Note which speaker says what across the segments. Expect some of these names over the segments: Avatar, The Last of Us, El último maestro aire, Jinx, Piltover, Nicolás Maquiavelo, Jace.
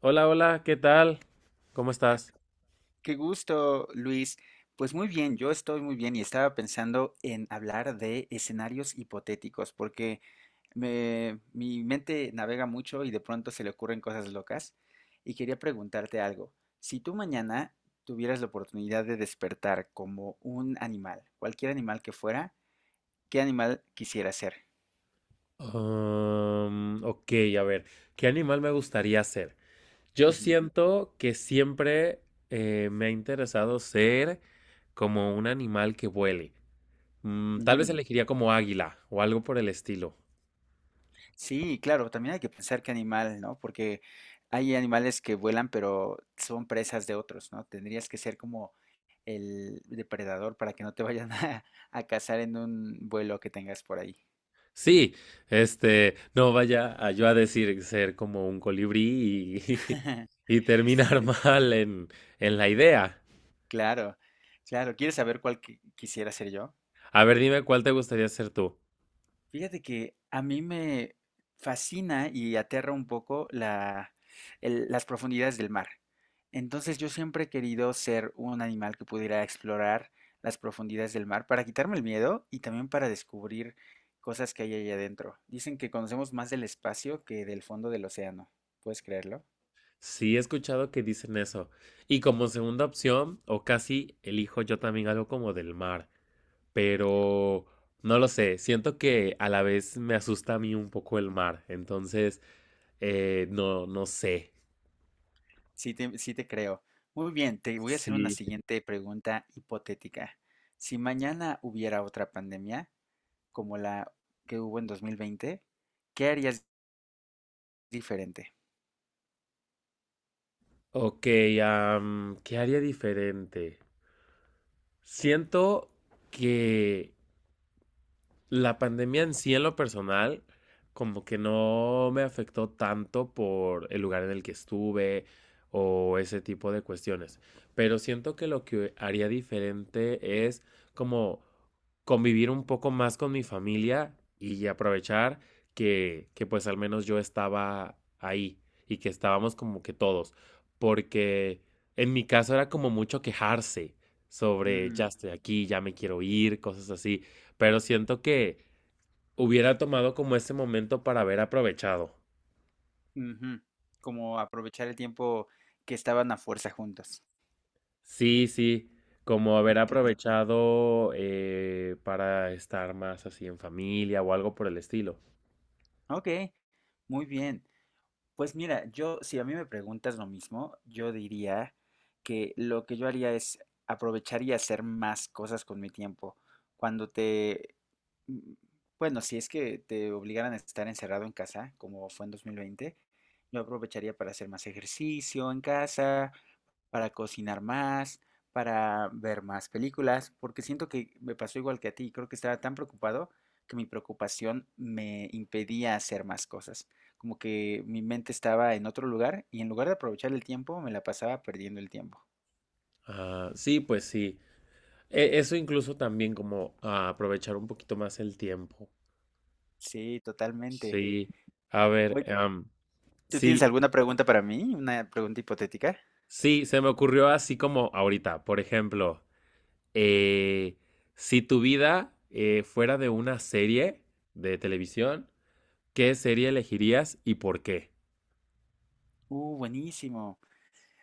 Speaker 1: Hola, hola, ¿qué tal? ¿Cómo estás?
Speaker 2: Qué gusto, Luis. Pues muy bien, yo estoy muy bien y estaba pensando en hablar de escenarios hipotéticos, porque mi mente navega mucho y de pronto se le ocurren cosas locas. Y quería preguntarte algo. Si tú mañana tuvieras la oportunidad de despertar como un animal, cualquier animal que fuera, ¿qué animal quisieras ser?
Speaker 1: Ok, a ver, ¿qué animal me gustaría ser? Yo
Speaker 2: Ujú.
Speaker 1: siento que siempre me ha interesado ser como un animal que vuele. Mm, tal vez
Speaker 2: Mm,
Speaker 1: elegiría como águila o algo por el estilo.
Speaker 2: Sí, claro, también hay que pensar qué animal, ¿no? Porque hay animales que vuelan, pero son presas de otros, ¿no? Tendrías que ser como el depredador para que no te vayan a cazar en un vuelo que tengas por ahí.
Speaker 1: Sí, este, no vaya a yo a decir ser como un colibrí y, y
Speaker 2: Sí,
Speaker 1: terminar mal en la idea.
Speaker 2: claro, claro. ¿Quieres saber cuál quisiera ser yo?
Speaker 1: A ver, dime cuál te gustaría ser tú.
Speaker 2: Fíjate que a mí me fascina y aterra un poco las profundidades del mar. Entonces yo siempre he querido ser un animal que pudiera explorar las profundidades del mar para quitarme el miedo y también para descubrir cosas que hay ahí adentro. Dicen que conocemos más del espacio que del fondo del océano. ¿Puedes creerlo?
Speaker 1: Sí, he escuchado que dicen eso. Y como segunda opción, o casi elijo yo también algo como del mar, pero no lo sé, siento que a la vez me asusta a mí un poco el mar, entonces no, no sé.
Speaker 2: Sí te creo. Muy bien, te voy a hacer una
Speaker 1: Sí.
Speaker 2: siguiente pregunta hipotética. Si mañana hubiera otra pandemia, como la que hubo en 2020, ¿qué harías diferente?
Speaker 1: Ok, ¿qué haría diferente? Siento que la pandemia en sí, en lo personal, como que no me afectó tanto por el lugar en el que estuve o ese tipo de cuestiones. Pero siento que lo que haría diferente es como convivir un poco más con mi familia y aprovechar que pues al menos yo estaba ahí y que estábamos como que todos. Porque en mi caso era como mucho quejarse sobre
Speaker 2: Mm,
Speaker 1: ya estoy aquí, ya me quiero ir, cosas así, pero siento que hubiera tomado como ese momento para haber aprovechado.
Speaker 2: ujú. Como aprovechar el tiempo que estaban a fuerza juntos.
Speaker 1: Sí, sí, como haber
Speaker 2: Ok,
Speaker 1: aprovechado para estar más así en familia o algo por el estilo.
Speaker 2: ok, muy bien. Pues mira, yo, si a mí me preguntas lo mismo, yo diría que lo que yo haría es aprovechar y hacer más cosas con mi tiempo. Cuando te, mm, bueno, si es que te obligaran a estar encerrado en casa, como fue en 2020, yo aprovecharía para hacer más ejercicio en casa, para cocinar más, para ver más películas, porque siento que me pasó igual que a ti, creo que estaba tan preocupado que mi preocupación me impedía hacer más cosas. Como que mi mente estaba en otro lugar y en lugar de aprovechar el tiempo, me la pasaba perdiendo el tiempo.
Speaker 1: Ah, sí, pues sí. E- eso incluso también como ah, aprovechar un poquito más el tiempo.
Speaker 2: Sí, totalmente.
Speaker 1: Sí. A ver,
Speaker 2: Oye, ¿tú tienes
Speaker 1: sí,
Speaker 2: alguna pregunta para mí? ¿Una pregunta hipotética?
Speaker 1: sí, se me ocurrió así como ahorita, por ejemplo, eh, si tu vida fuera de una serie de televisión, ¿qué serie elegirías y por qué?
Speaker 2: Buenísimo.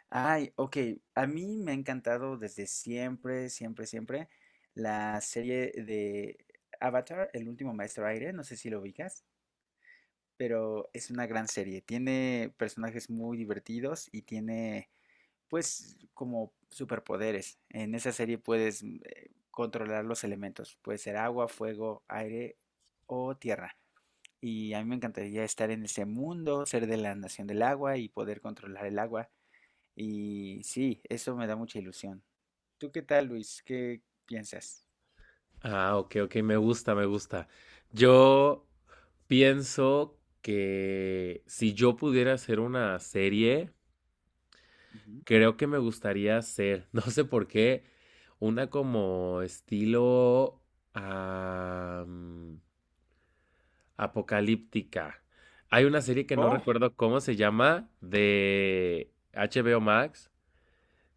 Speaker 2: Ay, ok. A mí me ha encantado desde siempre, siempre, siempre la serie de Avatar, El último maestro aire. No sé si lo ubicas, pero es una gran serie. Tiene personajes muy divertidos y tiene pues como superpoderes. En esa serie puedes controlar los elementos. Puede ser agua, fuego, aire o tierra. Y a mí me encantaría estar en ese mundo, ser de la nación del agua y poder controlar el agua. Y sí, eso me da mucha ilusión. ¿Tú qué tal, Luis? ¿Qué piensas?
Speaker 1: Ah, ok, ok, me gusta, me gusta. Yo pienso que si yo pudiera hacer una serie,
Speaker 2: Ujú.
Speaker 1: creo que me gustaría hacer, no sé por qué, una como estilo am, apocalíptica. Hay una serie que no
Speaker 2: Oh,
Speaker 1: recuerdo cómo se llama, de HBO Max,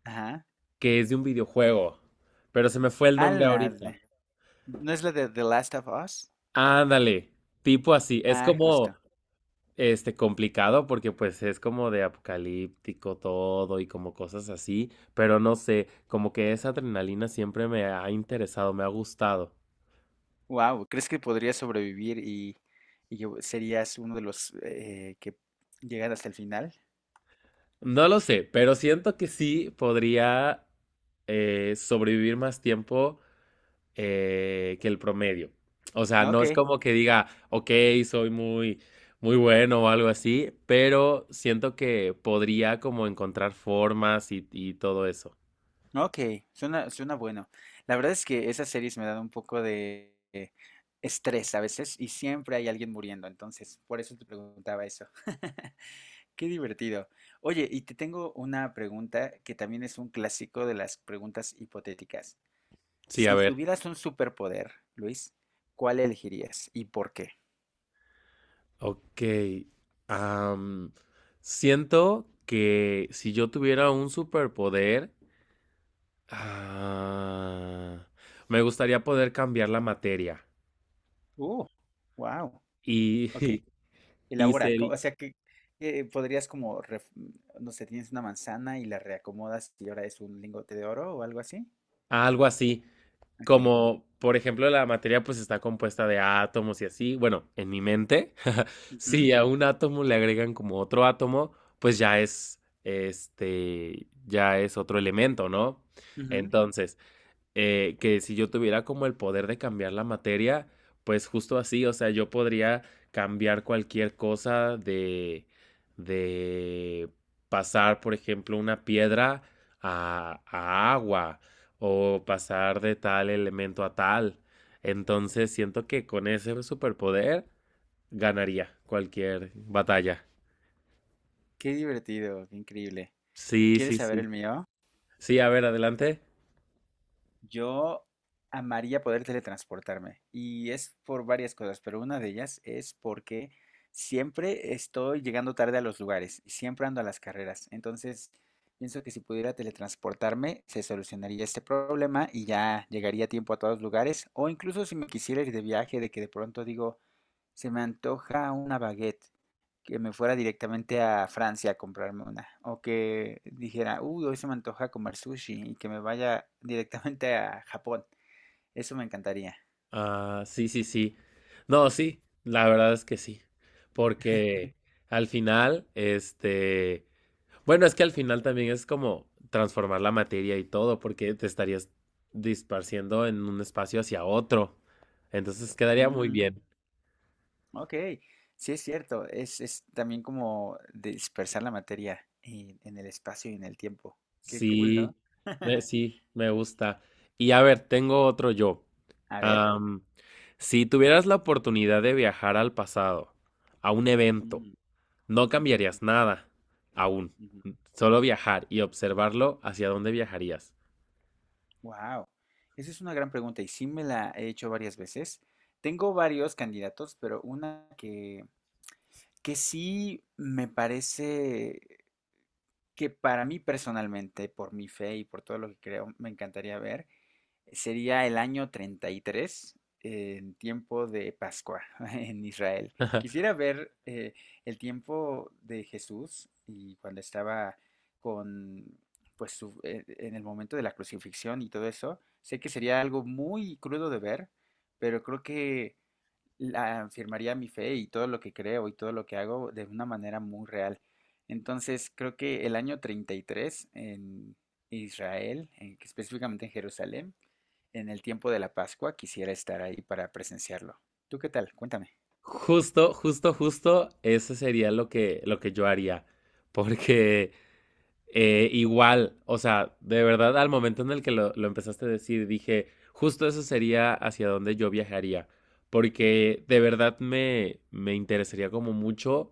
Speaker 2: ajá.
Speaker 1: que es de un videojuego, pero se me fue el
Speaker 2: Ah,
Speaker 1: nombre
Speaker 2: la
Speaker 1: ahorita.
Speaker 2: de- ¿No es la de The Last of Us?
Speaker 1: Ándale, tipo así, es
Speaker 2: Ah, justo.
Speaker 1: como este complicado porque pues es como de apocalíptico todo y como cosas así, pero no sé, como que esa adrenalina siempre me ha interesado, me ha gustado.
Speaker 2: Wow, ¿crees que podrías sobrevivir y que serías uno de los que llegan hasta el final?
Speaker 1: No lo sé, pero siento que sí podría sobrevivir más tiempo que el promedio. O sea,
Speaker 2: No,
Speaker 1: no
Speaker 2: ok,
Speaker 1: es como que diga, ok, soy muy, muy bueno o algo así, pero siento que podría como encontrar formas y todo eso.
Speaker 2: no, ok, suena, suena bueno. La verdad es que esas series me dan un poco de estrés a veces y siempre hay alguien muriendo, entonces por eso te preguntaba eso. Qué divertido. Oye, y te tengo una pregunta que también es un clásico de las preguntas hipotéticas.
Speaker 1: Sí, a
Speaker 2: Si
Speaker 1: ver.
Speaker 2: tuvieras un superpoder, Luis, ¿cuál elegirías y por qué?
Speaker 1: Ok. am, siento que si yo tuviera un superpoder, ah, me gustaría poder cambiar la materia.
Speaker 2: Uh, wow.
Speaker 1: Y,
Speaker 2: Ok.
Speaker 1: y
Speaker 2: Elabora,
Speaker 1: ser
Speaker 2: o sea que podrías como, no sé, tienes una manzana y la reacomodas y ahora es un lingote de oro o algo así.
Speaker 1: algo así,
Speaker 2: Ok.
Speaker 1: como, por ejemplo, la materia pues está compuesta de átomos y así. Bueno, en mi mente,
Speaker 2: Ujú,
Speaker 1: si a un átomo le agregan como otro átomo, pues ya es, este, ya es otro elemento, ¿no?
Speaker 2: ujú.
Speaker 1: Entonces… que si yo tuviera como el poder de cambiar la materia, pues justo así, o sea, yo podría cambiar cualquier cosa de pasar, por ejemplo, una piedra a agua o pasar de tal elemento a tal. Entonces siento que con ese superpoder ganaría cualquier batalla.
Speaker 2: Qué divertido, qué increíble.
Speaker 1: Sí,
Speaker 2: ¿Quieres
Speaker 1: sí,
Speaker 2: saber
Speaker 1: sí.
Speaker 2: el mío?
Speaker 1: Sí, a ver, adelante.
Speaker 2: Yo amaría poder teletransportarme y es por varias cosas, pero una de ellas es porque siempre estoy llegando tarde a los lugares y siempre ando a las carreras. Entonces, pienso que si pudiera teletransportarme, se solucionaría este problema y ya llegaría a tiempo a todos los lugares. O incluso si me quisiera ir de viaje, de que de pronto digo, se me antoja una baguette que me fuera directamente a Francia a comprarme una. O que dijera, uy, hoy se me antoja comer sushi y que me vaya directamente a Japón. Eso me encantaría.
Speaker 1: Ah, sí, sí, sí. No, sí, la verdad es que sí. Porque al final, este, bueno, es que al final también es como transformar la materia y todo, porque te estarías disparciendo en un espacio hacia otro. Entonces quedaría muy
Speaker 2: Ujú,
Speaker 1: bien.
Speaker 2: Ok, sí es cierto. Es también como dispersar la materia en el espacio y en el tiempo. Qué cool, ¿no?
Speaker 1: Sí, sí, me gusta. Y a ver, tengo otro yo.
Speaker 2: A ver.
Speaker 1: Am, si tuvieras la oportunidad de viajar al pasado, a un evento, no cambiarías nada, aún. Solo viajar y observarlo, hacia dónde viajarías.
Speaker 2: Wow. Esa es una gran pregunta y sí me la he hecho varias veces. Tengo varios candidatos, pero una que sí me parece que para mí personalmente, por mi fe y por todo lo que creo, me encantaría ver, sería el año 33 en tiempo de Pascua en Israel. Quisiera ver el tiempo de Jesús y cuando estaba con, en el momento de la crucifixión y todo eso. Sé que sería algo muy crudo de ver, pero creo que afirmaría mi fe y todo lo que creo y todo lo que hago de una manera muy real. Entonces, creo que el año 33 en Israel, específicamente en Jerusalén, en el tiempo de la Pascua, quisiera estar ahí para presenciarlo. ¿Tú qué tal? Cuéntame.
Speaker 1: Justo, justo, justo, eso sería lo que yo haría. Porque igual, o sea, de verdad, al momento en el que lo empezaste a decir, dije, justo eso sería hacia donde yo viajaría, porque de verdad me, me interesaría como mucho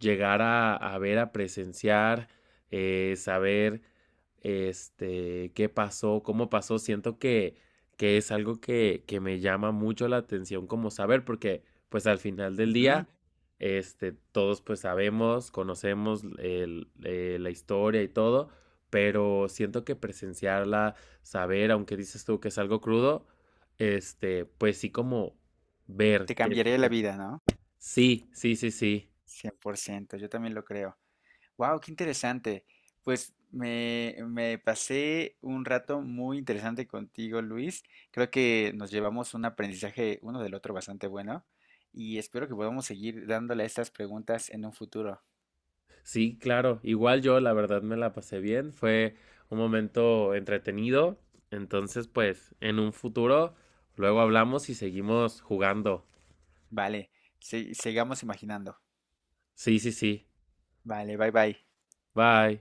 Speaker 1: llegar a ver, a presenciar, saber, este, qué pasó, cómo pasó. Siento que es algo que me llama mucho la atención como saber, porque pues al final del
Speaker 2: Ujú,
Speaker 1: día este, todos pues sabemos, conocemos el- la historia y todo, pero siento que presenciarla, saber, aunque dices tú que es algo crudo, este, pues sí como ver
Speaker 2: Te cambiaría la
Speaker 1: que-
Speaker 2: vida, ¿no?
Speaker 1: sí, sí, sí, sí.
Speaker 2: 100%. Yo también lo creo. Wow, qué interesante. Me pasé un rato muy interesante contigo, Luis. Creo que nos llevamos un aprendizaje uno del otro bastante bueno y espero que podamos seguir dándole a estas preguntas en un futuro.
Speaker 1: Sí, claro. Igual yo la verdad me la pasé bien, fue un momento entretenido. Entonces, pues en un futuro luego hablamos y seguimos jugando.
Speaker 2: Vale, sigamos imaginando.
Speaker 1: Sí, sí, sí.
Speaker 2: Vale, bye bye.
Speaker 1: Bye.